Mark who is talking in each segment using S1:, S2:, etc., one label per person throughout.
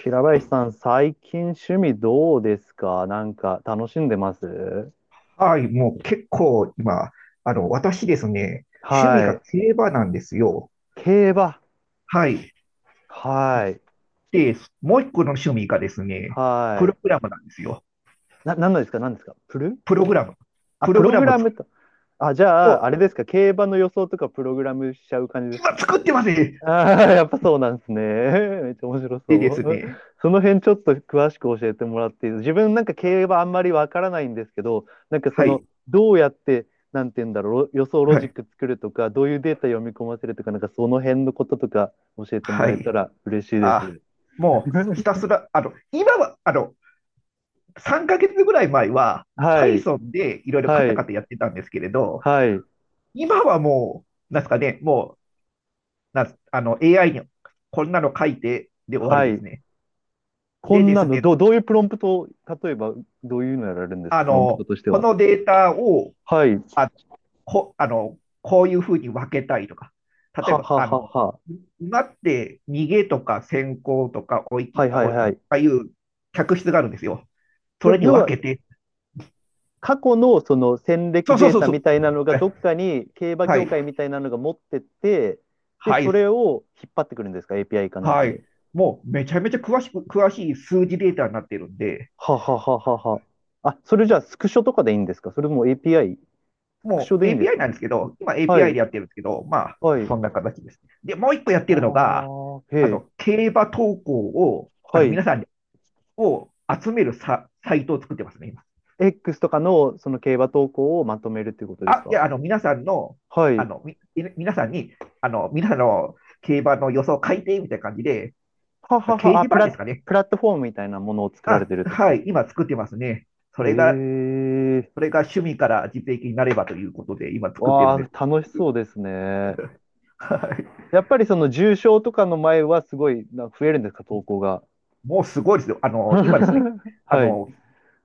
S1: 平林さん、最近趣味どうですか？なんか楽しんでます？
S2: はい、もう結構今、私ですね、趣味
S1: は
S2: が
S1: い。
S2: 競馬なんですよ。
S1: 競馬。
S2: はい。
S1: はい。
S2: で、もう一個の趣味がですね、プ
S1: はい。
S2: ログラムなんですよ。
S1: 何のですか？何ですか？
S2: プログラム。
S1: あ、
S2: プ
S1: プ
S2: ログ
S1: ロ
S2: ラ
S1: グ
S2: ムを
S1: ラ
S2: 作
S1: ム
S2: る
S1: と。あ、じ
S2: と、
S1: ゃあ、あれですか？競馬の予想とかプログラムしちゃう感じです
S2: 今
S1: か？
S2: 作ってますね。
S1: ああ、やっぱそうなんですね。めっちゃ面白
S2: でで
S1: そ
S2: す
S1: う。
S2: ね、
S1: その辺ちょっと詳しく教えてもらっていい？自分なんか競馬あんまりわからないんですけど、なんかそ
S2: は
S1: の、
S2: い、
S1: どうやって、なんて言うんだろう、予想ロ
S2: は
S1: ジッ
S2: い、
S1: ク作るとか、どういうデータ読み込ませるとか、なんかその辺のこととか教えても
S2: は
S1: らえた
S2: い。
S1: ら嬉しいで
S2: あ、
S1: す。
S2: もうひたす ら、今は3ヶ月ぐらい前は、
S1: はい、
S2: Python でいろいろカ
S1: は
S2: タカ
S1: い、
S2: タやってたんですけれど、
S1: はい、
S2: 今はもう、なんですかね、もな、あの、AI にこんなの書いてで終わり
S1: は
S2: です
S1: い。
S2: ね。
S1: こ
S2: で
S1: ん
S2: で
S1: な
S2: す
S1: の、
S2: ね、
S1: どういうプロンプトを、例えばどういうのやられるんですか、プロンプトとして
S2: こ
S1: は？
S2: のデータを、
S1: はい、
S2: あ、こ、あの、こういうふうに分けたいとか、例え
S1: は
S2: ば、
S1: ははは。
S2: 今って逃げとか先行とかおいき、
S1: はい
S2: あ
S1: はい
S2: おいあ
S1: はい。
S2: あいう客室があるんですよ。それに
S1: 要
S2: 分
S1: は、
S2: けて、
S1: 過去のその戦
S2: そ
S1: 歴
S2: うそう
S1: デー
S2: そう
S1: タ
S2: そ
S1: み
S2: う。
S1: たいなのが
S2: はい、
S1: どっかに競馬
S2: は
S1: 業
S2: い、
S1: 界みたいなのが持ってって、で、
S2: は
S1: そ
S2: い、
S1: れを引っ張ってくるんですか？ API かなんか
S2: はい。
S1: で。
S2: もうめちゃめちゃ詳しい数字データになってるんで、
S1: ははははは。あ、それじゃあスクショとかでいいんですか？それとも API？ スクシ
S2: も
S1: ョで
S2: う
S1: いいんです
S2: API
S1: か？
S2: なんですけど、今
S1: は
S2: API
S1: い、
S2: でやってるんですけど、まあ、
S1: はい。
S2: そんな形ですね。で、もう一個やっ
S1: あ
S2: てるのが、
S1: あ、へえ、
S2: 競馬投稿を、
S1: はい。
S2: 皆さんを集めるサイトを作ってますね、今。
S1: X とかのその競馬投稿をまとめるっていうことです
S2: あ、いや、
S1: か？は
S2: あ
S1: い。
S2: の、み、皆さんに、皆さんの競馬の予想を書いて、みたいな感じで、
S1: は
S2: 掲
S1: はは、
S2: 示板ですかね。
S1: プラットフォームみたいなものを作られ
S2: あ、
S1: てるってこと
S2: は
S1: です
S2: い、
S1: ね。
S2: 今作ってますね。そ
S1: へ
S2: れが、
S1: え、
S2: それが趣味から実益になればということで、今作ってる
S1: わ
S2: んです。
S1: あ、楽しそうですね。
S2: はい。
S1: やっぱりその重症とかの前はすごい増えるんですか、投稿が？
S2: もうすごいですよ。今ですね、あ
S1: はい。
S2: の、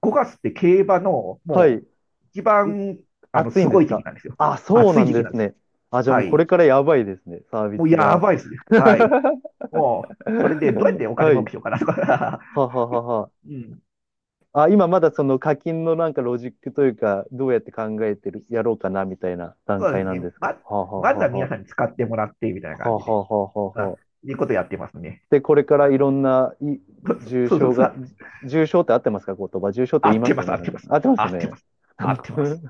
S2: 5月って競馬の
S1: はい。
S2: もう一
S1: い
S2: 番
S1: 暑い
S2: す
S1: んで
S2: ご
S1: す
S2: い時期
S1: か？
S2: なんですよ。
S1: あ、そう
S2: 暑
S1: な
S2: い
S1: ん
S2: 時期
S1: で
S2: なん
S1: す
S2: ですよ。
S1: ね。あ、じゃあ
S2: は
S1: もうこれ
S2: い。
S1: からやばいですね、サービ
S2: もう
S1: ス
S2: や
S1: が。
S2: ばいですね。はい。もう、それでどうやってお金
S1: は
S2: 儲
S1: い。
S2: けしようかなとか。
S1: はははは。
S2: うん。
S1: あ、今まだその課金のなんかロジックというか、どうやって考えてる、やろうかなみたいな段
S2: そうで
S1: 階
S2: す
S1: なん
S2: ね。
S1: ですか？はは
S2: まず
S1: はは
S2: は皆
S1: は。
S2: さんに使ってもらってみたいな感
S1: は
S2: じで。
S1: ははは
S2: うん。
S1: は。
S2: いうことやってますね。
S1: で、これから
S2: はい、
S1: いろんな
S2: そ
S1: 重
S2: うそう
S1: 症
S2: そ
S1: が、
S2: う。
S1: 重症って合ってますか？言葉。重症って
S2: 合
S1: 言い
S2: っ
S1: ま
S2: て
S1: す
S2: ま
S1: よ
S2: す、
S1: ね。
S2: 合っ
S1: なん
S2: て
S1: か、
S2: ます。
S1: 合ってます
S2: 合
S1: よ
S2: って
S1: ね？
S2: ます。合 ってます。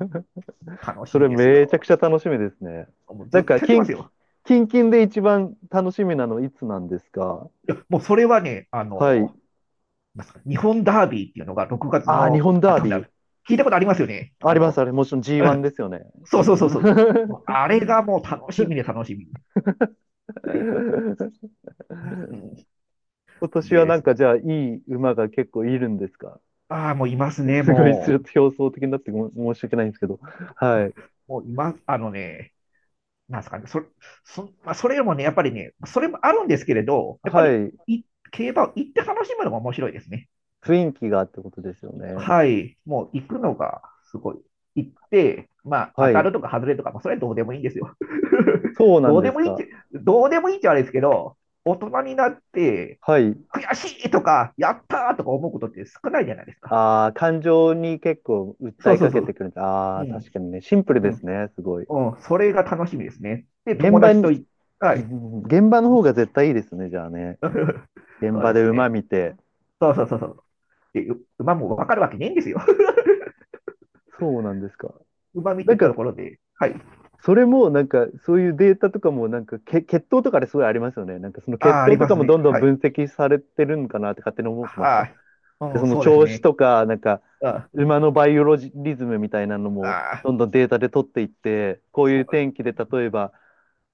S2: 楽
S1: そ
S2: し
S1: れ
S2: みです
S1: めちゃ
S2: よ。
S1: くちゃ楽しみですね。
S2: もうず
S1: な
S2: っ
S1: ん
S2: と
S1: か、
S2: やってますよ。
S1: キンキンで一番楽しみなのいつなんですか？
S2: いや、もうそれはね、あ
S1: はい。
S2: のすか日本ダービーっていうのが6月
S1: ああ、日
S2: の
S1: 本ダー
S2: 頭にな
S1: ビ
S2: る。
S1: ー。
S2: 聞いたことありますよね。
S1: あ
S2: あ
S1: ります、
S2: の、
S1: あれ。もちろん
S2: う
S1: G1
S2: ん。
S1: ですよね。
S2: そうそうそうそう。
S1: G1。
S2: もうあれがもう楽しみで楽しみ。う ん、
S1: 今年
S2: で
S1: は
S2: で
S1: なん
S2: すね。
S1: かじゃあいい馬が結構いるんですか？
S2: ああ、もういますね、
S1: すごいち
S2: も
S1: ょっと表層的になってごめん、申し訳ないんですけど。はい。
S2: う。もういます、あのね、なんですかね。それ、そ、まあ、それよりもね、やっぱりね、それもあるんですけれど、やっぱ
S1: は
S2: り
S1: い。
S2: い競馬を行って楽しむのも面白いですね。
S1: 雰囲気がってことですよね。
S2: はい、もう行くのがすごい。行って、まあ、
S1: は
S2: 当た
S1: い。
S2: るとか外れとか、まあ、それはどうでもいいんですよ。
S1: そう な
S2: ど
S1: ん
S2: う
S1: で
S2: で
S1: す
S2: もいいっ
S1: か。
S2: て、どうでもいいってあれですけど、大人になって、
S1: はい。
S2: 悔しいとか、やったーとか思うことって少ないじゃないですか。
S1: ああ、感情に結構訴
S2: そう
S1: え
S2: そ
S1: か
S2: うそ
S1: けて
S2: う。
S1: くるんだ。あ
S2: う
S1: あ、確
S2: ん、
S1: かにね。シンプル
S2: う
S1: です
S2: ん、
S1: ね。すごい。
S2: うん、それが楽しみですね。で、
S1: 現
S2: 友
S1: 場
S2: 達と
S1: に、
S2: い、は
S1: う
S2: い。
S1: ん、現場の方が絶対いいですね。じゃあね。現
S2: そう
S1: 場
S2: です
S1: で馬
S2: ね。
S1: 見て。
S2: そうそうそうそう。で、う馬もわかるわけねえんですよ。
S1: そうなんですか。
S2: 馬見
S1: な
S2: て
S1: ん
S2: た
S1: か、
S2: ところで、はい。
S1: それも、なんか、そういうデータとかも、なんか、血統とかですごいありますよね。なんか、その血
S2: ああ、あり
S1: 統と
S2: ま
S1: か
S2: す
S1: も
S2: ね。
S1: どんどん
S2: は
S1: 分
S2: い。
S1: 析されてるんかなって勝手に思ってました。
S2: はい。
S1: で、
S2: うん、
S1: その
S2: そうです
S1: 調子
S2: ね。
S1: とか、なんか、
S2: あ
S1: 馬のバイオロジリズムみたいなのも、
S2: ああ、
S1: どんどんデータで取っていって、こういう
S2: そう、
S1: 天気で、例えば、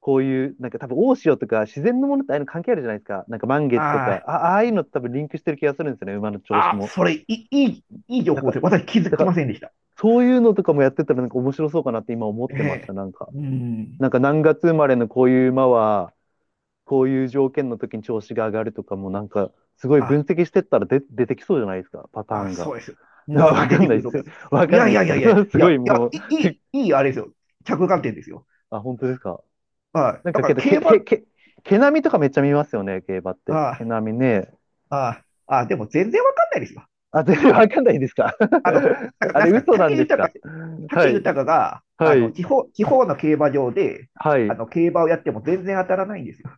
S1: こういう、なんか多分大潮とか自然のものってああいうの関係あるじゃないですか。なんか満月と
S2: あ
S1: か、あ、ああいうのって多分リンクしてる気がするんですよね、馬の調子
S2: ああ、
S1: も。
S2: それ、いい、いい、いい情
S1: なん
S2: 報
S1: か、
S2: です。私気づ
S1: だか
S2: き
S1: ら
S2: ませんでした。
S1: そういうのとかもやってたらなんか面白そうかなって今思っ
S2: え
S1: てました、
S2: え、
S1: なんか。
S2: うん。
S1: なんか何月生まれのこういう馬は、こういう条件の時に調子が上がるとかもなんか、すごい分
S2: あ、
S1: 析してったら出てきそうじゃないですか、パター
S2: あ、
S1: ンが。
S2: そうです。う
S1: あ、
S2: ん、パター
S1: わ
S2: ン出
S1: かん
S2: て
S1: な
S2: く
S1: いっ
S2: ると思い
S1: す。
S2: ます。
S1: わかんないっすけど、すごいもう、で。
S2: いいあれですよ。着眼点ですよ。
S1: あ、本当ですか。
S2: はい。
S1: なん
S2: だ
S1: か
S2: から
S1: けど、
S2: 競
S1: け、
S2: 馬、
S1: け、
S2: あ
S1: け、毛並みとかめっちゃ見ますよね、競馬って。毛
S2: あ、
S1: 並みね。
S2: ああ、あでも全然わかんないですよ。
S1: あ、全然 わかんないですか。
S2: あの、な んか、
S1: あ
S2: なん
S1: れ、
S2: すかね、
S1: 嘘なん
S2: 武
S1: です
S2: 豊、
S1: か。は
S2: 武
S1: い、
S2: 豊が、
S1: は
S2: あの、
S1: い、
S2: 地方の競馬場で、
S1: は
S2: あ
S1: い。
S2: の、競馬をやっても全然当たらないんですよ。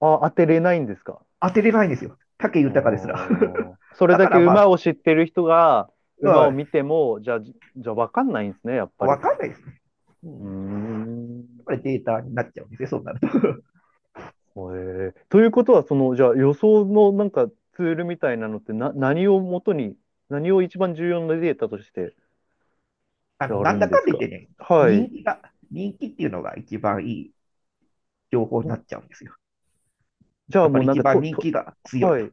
S1: あ、当てれないんですか。
S2: 当てれないんですよ。武
S1: あ
S2: 豊ですら。
S1: ー、そ れ
S2: だ
S1: だ
S2: か
S1: け
S2: らまあ、
S1: 馬を知ってる人が、馬を
S2: う
S1: 見ても、じゃあ、じゃあわかんないんですね、やっ
S2: ん、
S1: ぱ
S2: わ
S1: り。
S2: かんないですね。う
S1: うー
S2: ん。やっ
S1: ん。
S2: ぱりデータになっちゃうんですね、そうなると。
S1: へえ、ということは、その、じゃあ予想のなんかツールみたいなのって何をもとに、何を一番重要なデータとして
S2: あ
S1: や
S2: の、な
S1: る
S2: ん
S1: ん
S2: だ
S1: で
S2: か
S1: す
S2: んだ言っ
S1: か？
S2: てね、
S1: は
S2: 人
S1: い。
S2: 気が、人気っていうのが一番いい情報になっちゃうんですよ。
S1: じゃあ
S2: やっぱ
S1: もう
S2: り
S1: なん
S2: 一
S1: か
S2: 番人気が強い
S1: は
S2: と。
S1: い。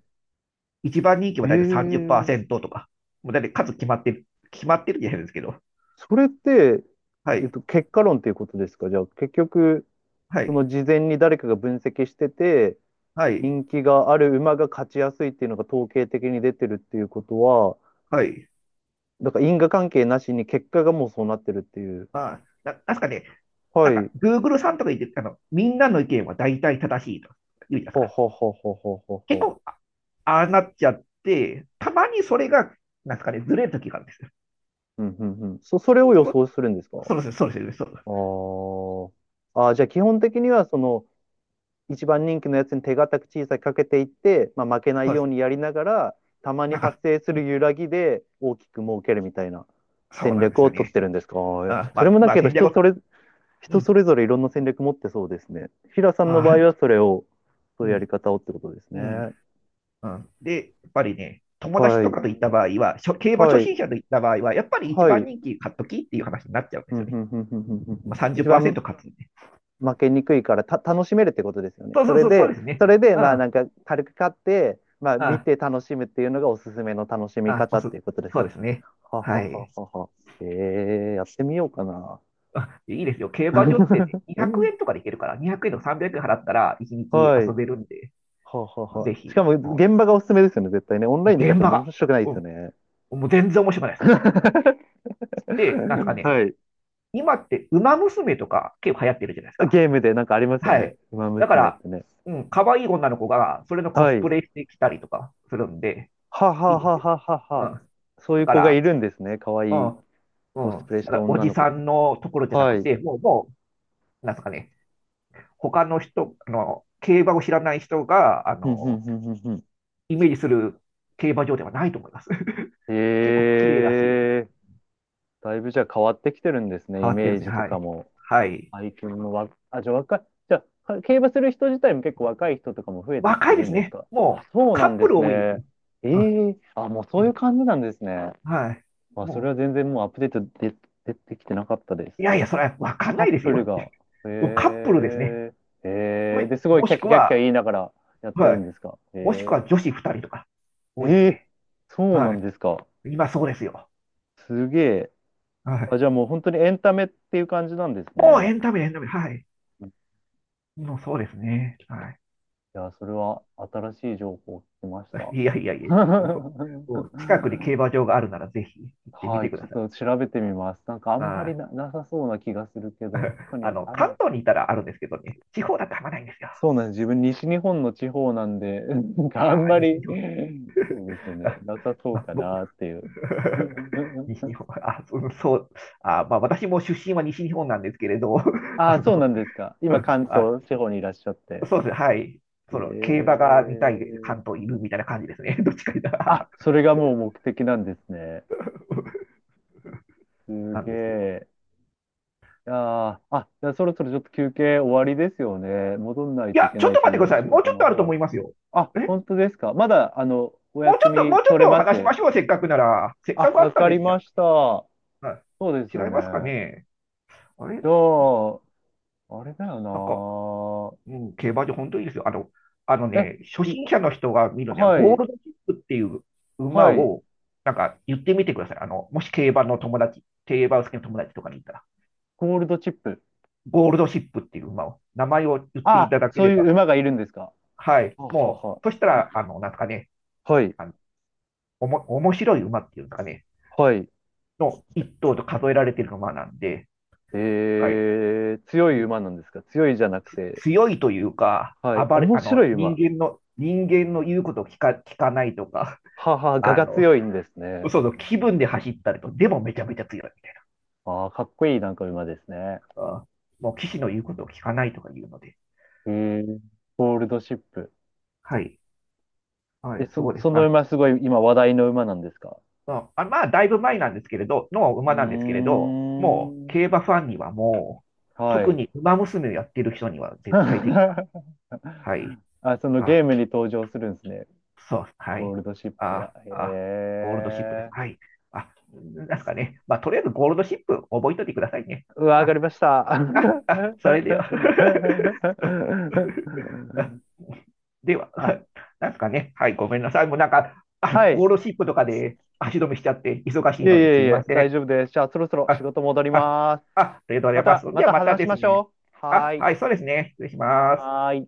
S2: 一番人気は大体
S1: ええ、
S2: 30%とか、もう大体数決まってる、決まってるじゃないですけど、
S1: それって、
S2: はい、
S1: 結果論っていうことですか？じゃあ結局、
S2: は
S1: そ
S2: い、
S1: の事前に誰かが分析してて、
S2: はい、
S1: 人気がある馬が勝ちやすいっていうのが統計的に出てるっていうことは、
S2: はい。
S1: だから因果関係なしに結果がもうそうなってるっていう。
S2: まあ、なんすかね、
S1: は
S2: なんか、
S1: い。
S2: Google さんとか言って、あの、みんなの意見は大体正しいと言うじゃない
S1: ほ
S2: で
S1: う
S2: すか。
S1: ほうほうほうほうほう
S2: 結
S1: ほ
S2: 構、ああなっちゃって、たまにそれが、なんですかね、ずれる時があるんですよ。
S1: う。うんうんうん。それを予
S2: そう
S1: 想するんですか？
S2: そうです、そうです、そうです。
S1: あー、あー、じゃあ基本的にはその一番人気のやつに手堅く小さくかけていって、まあ、負けない
S2: そうで
S1: よう
S2: す。
S1: にやりながら、たまに
S2: なん
S1: 発
S2: か、
S1: 生する揺らぎで大きく儲けるみたいな
S2: そう
S1: 戦
S2: なんで
S1: 略
S2: す
S1: を
S2: よ
S1: 取っ
S2: ね。
S1: てるんですか？あー、それもだ
S2: まあ、
S1: けど
S2: 戦略を、う
S1: 人そ
S2: ん、
S1: れぞれいろんな戦略持ってそうですね。平さんの場合
S2: あ
S1: はそれを、そ
S2: う
S1: ういうやり
S2: ん、
S1: 方をってことです
S2: う
S1: ね。
S2: ん、うん。で、やっぱりね、友達
S1: は
S2: と
S1: い。
S2: かと行った場合は、しょ競馬
S1: は
S2: 初
S1: い。
S2: 心者と行った場合は、やっぱり一
S1: はい。う
S2: 番人
S1: ん
S2: 気買っときっていう話になっちゃうんで
S1: う
S2: す
S1: ん
S2: よ
S1: う
S2: ね。
S1: んうんうんうんう
S2: ま
S1: ん、
S2: あ、
S1: 一番
S2: 30%勝つんで。
S1: 負けにくいから楽しめるってことですよね。
S2: そう
S1: そ
S2: そう
S1: れ
S2: そう、そう
S1: で、
S2: ですね。
S1: それで
S2: う
S1: ま
S2: ん、う
S1: あな
S2: ん、
S1: んか軽く買って、まあ
S2: う
S1: 見
S2: ん、
S1: て楽しむっていうのがおすすめの楽しみ
S2: お
S1: 方っ
S2: す。
S1: ていうことです
S2: そうで
S1: ね。
S2: すね。
S1: はは
S2: は
S1: は
S2: い。
S1: はは。ええ、やってみようかな。
S2: あ、いいですよ。競馬場ってね 200円とかで行けるから、200円とか300円払ったら1日
S1: は
S2: 遊
S1: い。
S2: べるんで、
S1: ははは。
S2: ぜ
S1: しか
S2: ひ、
S1: も現場がおすすめですよね、絶対ね。オンラインで買っ
S2: 現
S1: て
S2: 場
S1: も
S2: が、
S1: 面白くない
S2: う
S1: で
S2: ん、
S1: すよね。
S2: もう全然面白くないです。で、なんですか
S1: は
S2: ね、
S1: い。
S2: 今って馬娘とか結構流行ってるじゃないですか。
S1: ゲームでなんかありますよ
S2: は
S1: ね。
S2: い。
S1: ウマ
S2: だか
S1: 娘っ
S2: ら、
S1: てね。
S2: うん、可愛い女の子がそれのコ
S1: は
S2: スプ
S1: い。
S2: レしてきたりとかするんで、
S1: は
S2: い
S1: は
S2: いです
S1: は
S2: よ。
S1: ははは
S2: う
S1: は。
S2: ん。
S1: そうい
S2: だ
S1: う
S2: か
S1: 子が
S2: ら、
S1: いるんですね。かわ
S2: う
S1: い
S2: ん、
S1: い。コ
S2: う
S1: ス
S2: ん。
S1: プレし
S2: だか
S1: た
S2: ら、お
S1: 女
S2: じ
S1: の子
S2: さ
S1: とか。
S2: んのところじゃな
S1: は
S2: く
S1: い。
S2: て、もう、もう、なんですかね、他の人、あの、競馬を知らない人が、あ
S1: ふんふん
S2: の、
S1: ふんふんふん。
S2: イメージする競馬場ではないと思います。結構綺麗だし、
S1: ええ、だいぶじゃあ変わってきてるんですね、
S2: 変
S1: イ
S2: わってる
S1: メ
S2: んで
S1: ー
S2: すね。
S1: ジと
S2: は
S1: か
S2: い。
S1: も。
S2: はい。
S1: 最近もわ、あ、じゃあ若い、じゃあ、競馬する人自体も結構若い人とかも増えてき
S2: 若
S1: て
S2: いで
S1: るん
S2: す
S1: です
S2: ね。
S1: か？あ、
S2: もう、
S1: そう
S2: カ
S1: なん
S2: ップ
S1: で
S2: ル
S1: す
S2: 多いですね。
S1: ね。え
S2: うん、
S1: え、あ、もうそ
S2: う
S1: ういう
S2: ん。
S1: 感じなんですね。
S2: はい。
S1: あ、それ
S2: も
S1: は全然もうアップデートで、出てきてなかったです。
S2: う、いやいや、それはわかん
S1: カ
S2: な
S1: ッ
S2: いです
S1: プル
S2: よ。
S1: が、え
S2: もうカップルですね。
S1: え、
S2: と
S1: ええ
S2: い
S1: で、すごい
S2: も
S1: キャ
S2: し
S1: ッキ
S2: く
S1: ャキャッキャ
S2: は、
S1: 言いながらやって
S2: は
S1: る
S2: い。
S1: んですか？
S2: もしくは
S1: え
S2: 女
S1: え、
S2: 子2人とか、
S1: え
S2: 多いです
S1: え、
S2: ね。
S1: そうな
S2: はい。
S1: んですか。
S2: 今そうですよ。
S1: すげえ。
S2: は
S1: あ、
S2: い。
S1: じゃあもう本当にエンタメっていう感じなんです
S2: もうエ
S1: ね。
S2: ンタメ、エンタメ。はい。もうそうですね。はい。
S1: いや、それは新しい情報を聞きました。
S2: いやいやいや、ももう近くに競 馬場があるならぜひ行ってみ
S1: は
S2: て
S1: い、
S2: く
S1: ちょ
S2: だ
S1: っ
S2: さ
S1: と
S2: い。
S1: 調べてみます。なんかあんま
S2: は
S1: り
S2: い。
S1: なさそうな気がするけど、どっかに
S2: あ
S1: は
S2: の、
S1: あるの
S2: 関
S1: かな。
S2: 東にいたらあるんですけどね、地方だとあんまないんですよ。
S1: そうなんです。自分西日本の地方なんで、なん
S2: あ、
S1: かあんま
S2: 西
S1: り、
S2: 日本。
S1: そうです ね、
S2: あ
S1: なさそうか
S2: 僕
S1: なっていう。
S2: 西日 本。私も出身は西日本なんですけれど、
S1: ああ、
S2: あ
S1: そうな
S2: の、
S1: んですか。今 関
S2: あ、
S1: 東地方にいらっしゃって。
S2: そうですね、はい。その、競馬が見たい
S1: ええ、
S2: 関東いるみたいな感じですね。どっちか言った
S1: あ、
S2: ら。
S1: それがもう目的なんですね。
S2: そう
S1: す
S2: なん
S1: げ
S2: ですよ。
S1: え。あー、あ、じゃあそろそろちょっと休憩終わりですよね。戻んない
S2: い
S1: とい
S2: や、
S1: け
S2: ちょ
S1: な
S2: っ
S1: いで
S2: と
S1: すよ
S2: 待ってくだ
S1: ね。
S2: さい。
S1: 仕
S2: もうち
S1: 事
S2: ょっ
S1: の
S2: とあると思
S1: 方。
S2: いますよ。
S1: あ、
S2: え
S1: 本当ですか。まだ、お
S2: もうち
S1: 休
S2: ょっと、
S1: み
S2: もうちょっ
S1: 取れ
S2: と
S1: ま
S2: 話しま
S1: す。
S2: しょう。せっかくなら。せっ
S1: あ、
S2: かくあっ
S1: わ
S2: たん
S1: か
S2: で
S1: り
S2: すじゃ
S1: ま
S2: ないです
S1: した。そ
S2: か。はい、
S1: うです
S2: 違
S1: よ
S2: い
S1: ね。
S2: ますかね。あれ
S1: じゃあ、あれだよ
S2: なんか、うん、競馬場本当にいいですよ。あの、あの
S1: な。
S2: ね、初
S1: い、
S2: 心者の人が見るには、
S1: は
S2: ゴー
S1: い、
S2: ルドチップっていう馬
S1: はい。
S2: を、なんか言ってみてください。あの、もし競馬の友達、競馬好きの友達とかにいたら、
S1: ゴールドチップ。
S2: ゴールドシップっていう馬を、名前を言ってい
S1: あ、
S2: ただけ
S1: そ
S2: れ
S1: うい
S2: ば、
S1: う馬がいるんですか？
S2: はい、
S1: はは
S2: もう、
S1: は。
S2: そしたら、あの、なんですかね、
S1: はい、
S2: あの、面白い馬っていうんですかね、
S1: はい。
S2: の一頭と数えられてる馬なんで、はい、
S1: 強
S2: う
S1: い
S2: ん、
S1: 馬なんですか？強いじゃなくて、
S2: 強いというか、
S1: はい。
S2: 暴れ、
S1: 面
S2: あ
S1: 白
S2: の、
S1: い
S2: 人
S1: 馬。
S2: 間の、人間の言うことを聞かないとか、
S1: はは、我
S2: あ
S1: が
S2: の、
S1: 強いんですね。
S2: そうそう、気分で走ったりと、でもめちゃめちゃ強いみたい
S1: ああ、かっこいいなんか馬ですね。
S2: な。あー、もう騎士の言うことを聞かないとか言うので。
S1: えー、ゴールドシップ。
S2: はい。はい、そうです。
S1: その馬すごい今話題の馬なんですか？
S2: ああ、まあ、だいぶ前なんですけれど、の
S1: う
S2: 馬なんですけれど、もう、
S1: ーん。
S2: 競馬ファンにはもう、
S1: は
S2: 特
S1: い。
S2: に馬娘をやってる人には絶対的な。はい。
S1: あ、そのゲ
S2: あ、
S1: ームに登場するんですね。
S2: そう、は
S1: ゴー
S2: い。
S1: ルドシップが。
S2: あ、
S1: へ
S2: あ、ゴールドシップです。
S1: え。
S2: はい。あ、なんですかね。まあ、とりあえずゴールドシップ覚えといてくださいね。
S1: うわ、
S2: ま
S1: 上が
S2: あ、
S1: りました。
S2: それでは。では、
S1: あ、
S2: なんですかね。はい、ごめんなさい。もうなんか、あ、
S1: はい。
S2: ゴールドシップとかで足止めしちゃって、忙し
S1: い
S2: い
S1: え
S2: のにす
S1: いえ
S2: い
S1: い
S2: ま
S1: え、
S2: せ
S1: 大
S2: ん。
S1: 丈夫です。じゃあ、そろそろ仕
S2: あ、
S1: 事戻り
S2: あ、
S1: ます。
S2: ありがとうござ
S1: ま
S2: います。
S1: た、ま
S2: じゃあ、
S1: た
S2: また
S1: 話し
S2: で
S1: ま
S2: す
S1: し
S2: ね。
S1: ょう。は
S2: あ、
S1: ーい。
S2: はい、そうですね。失礼します。
S1: はーい。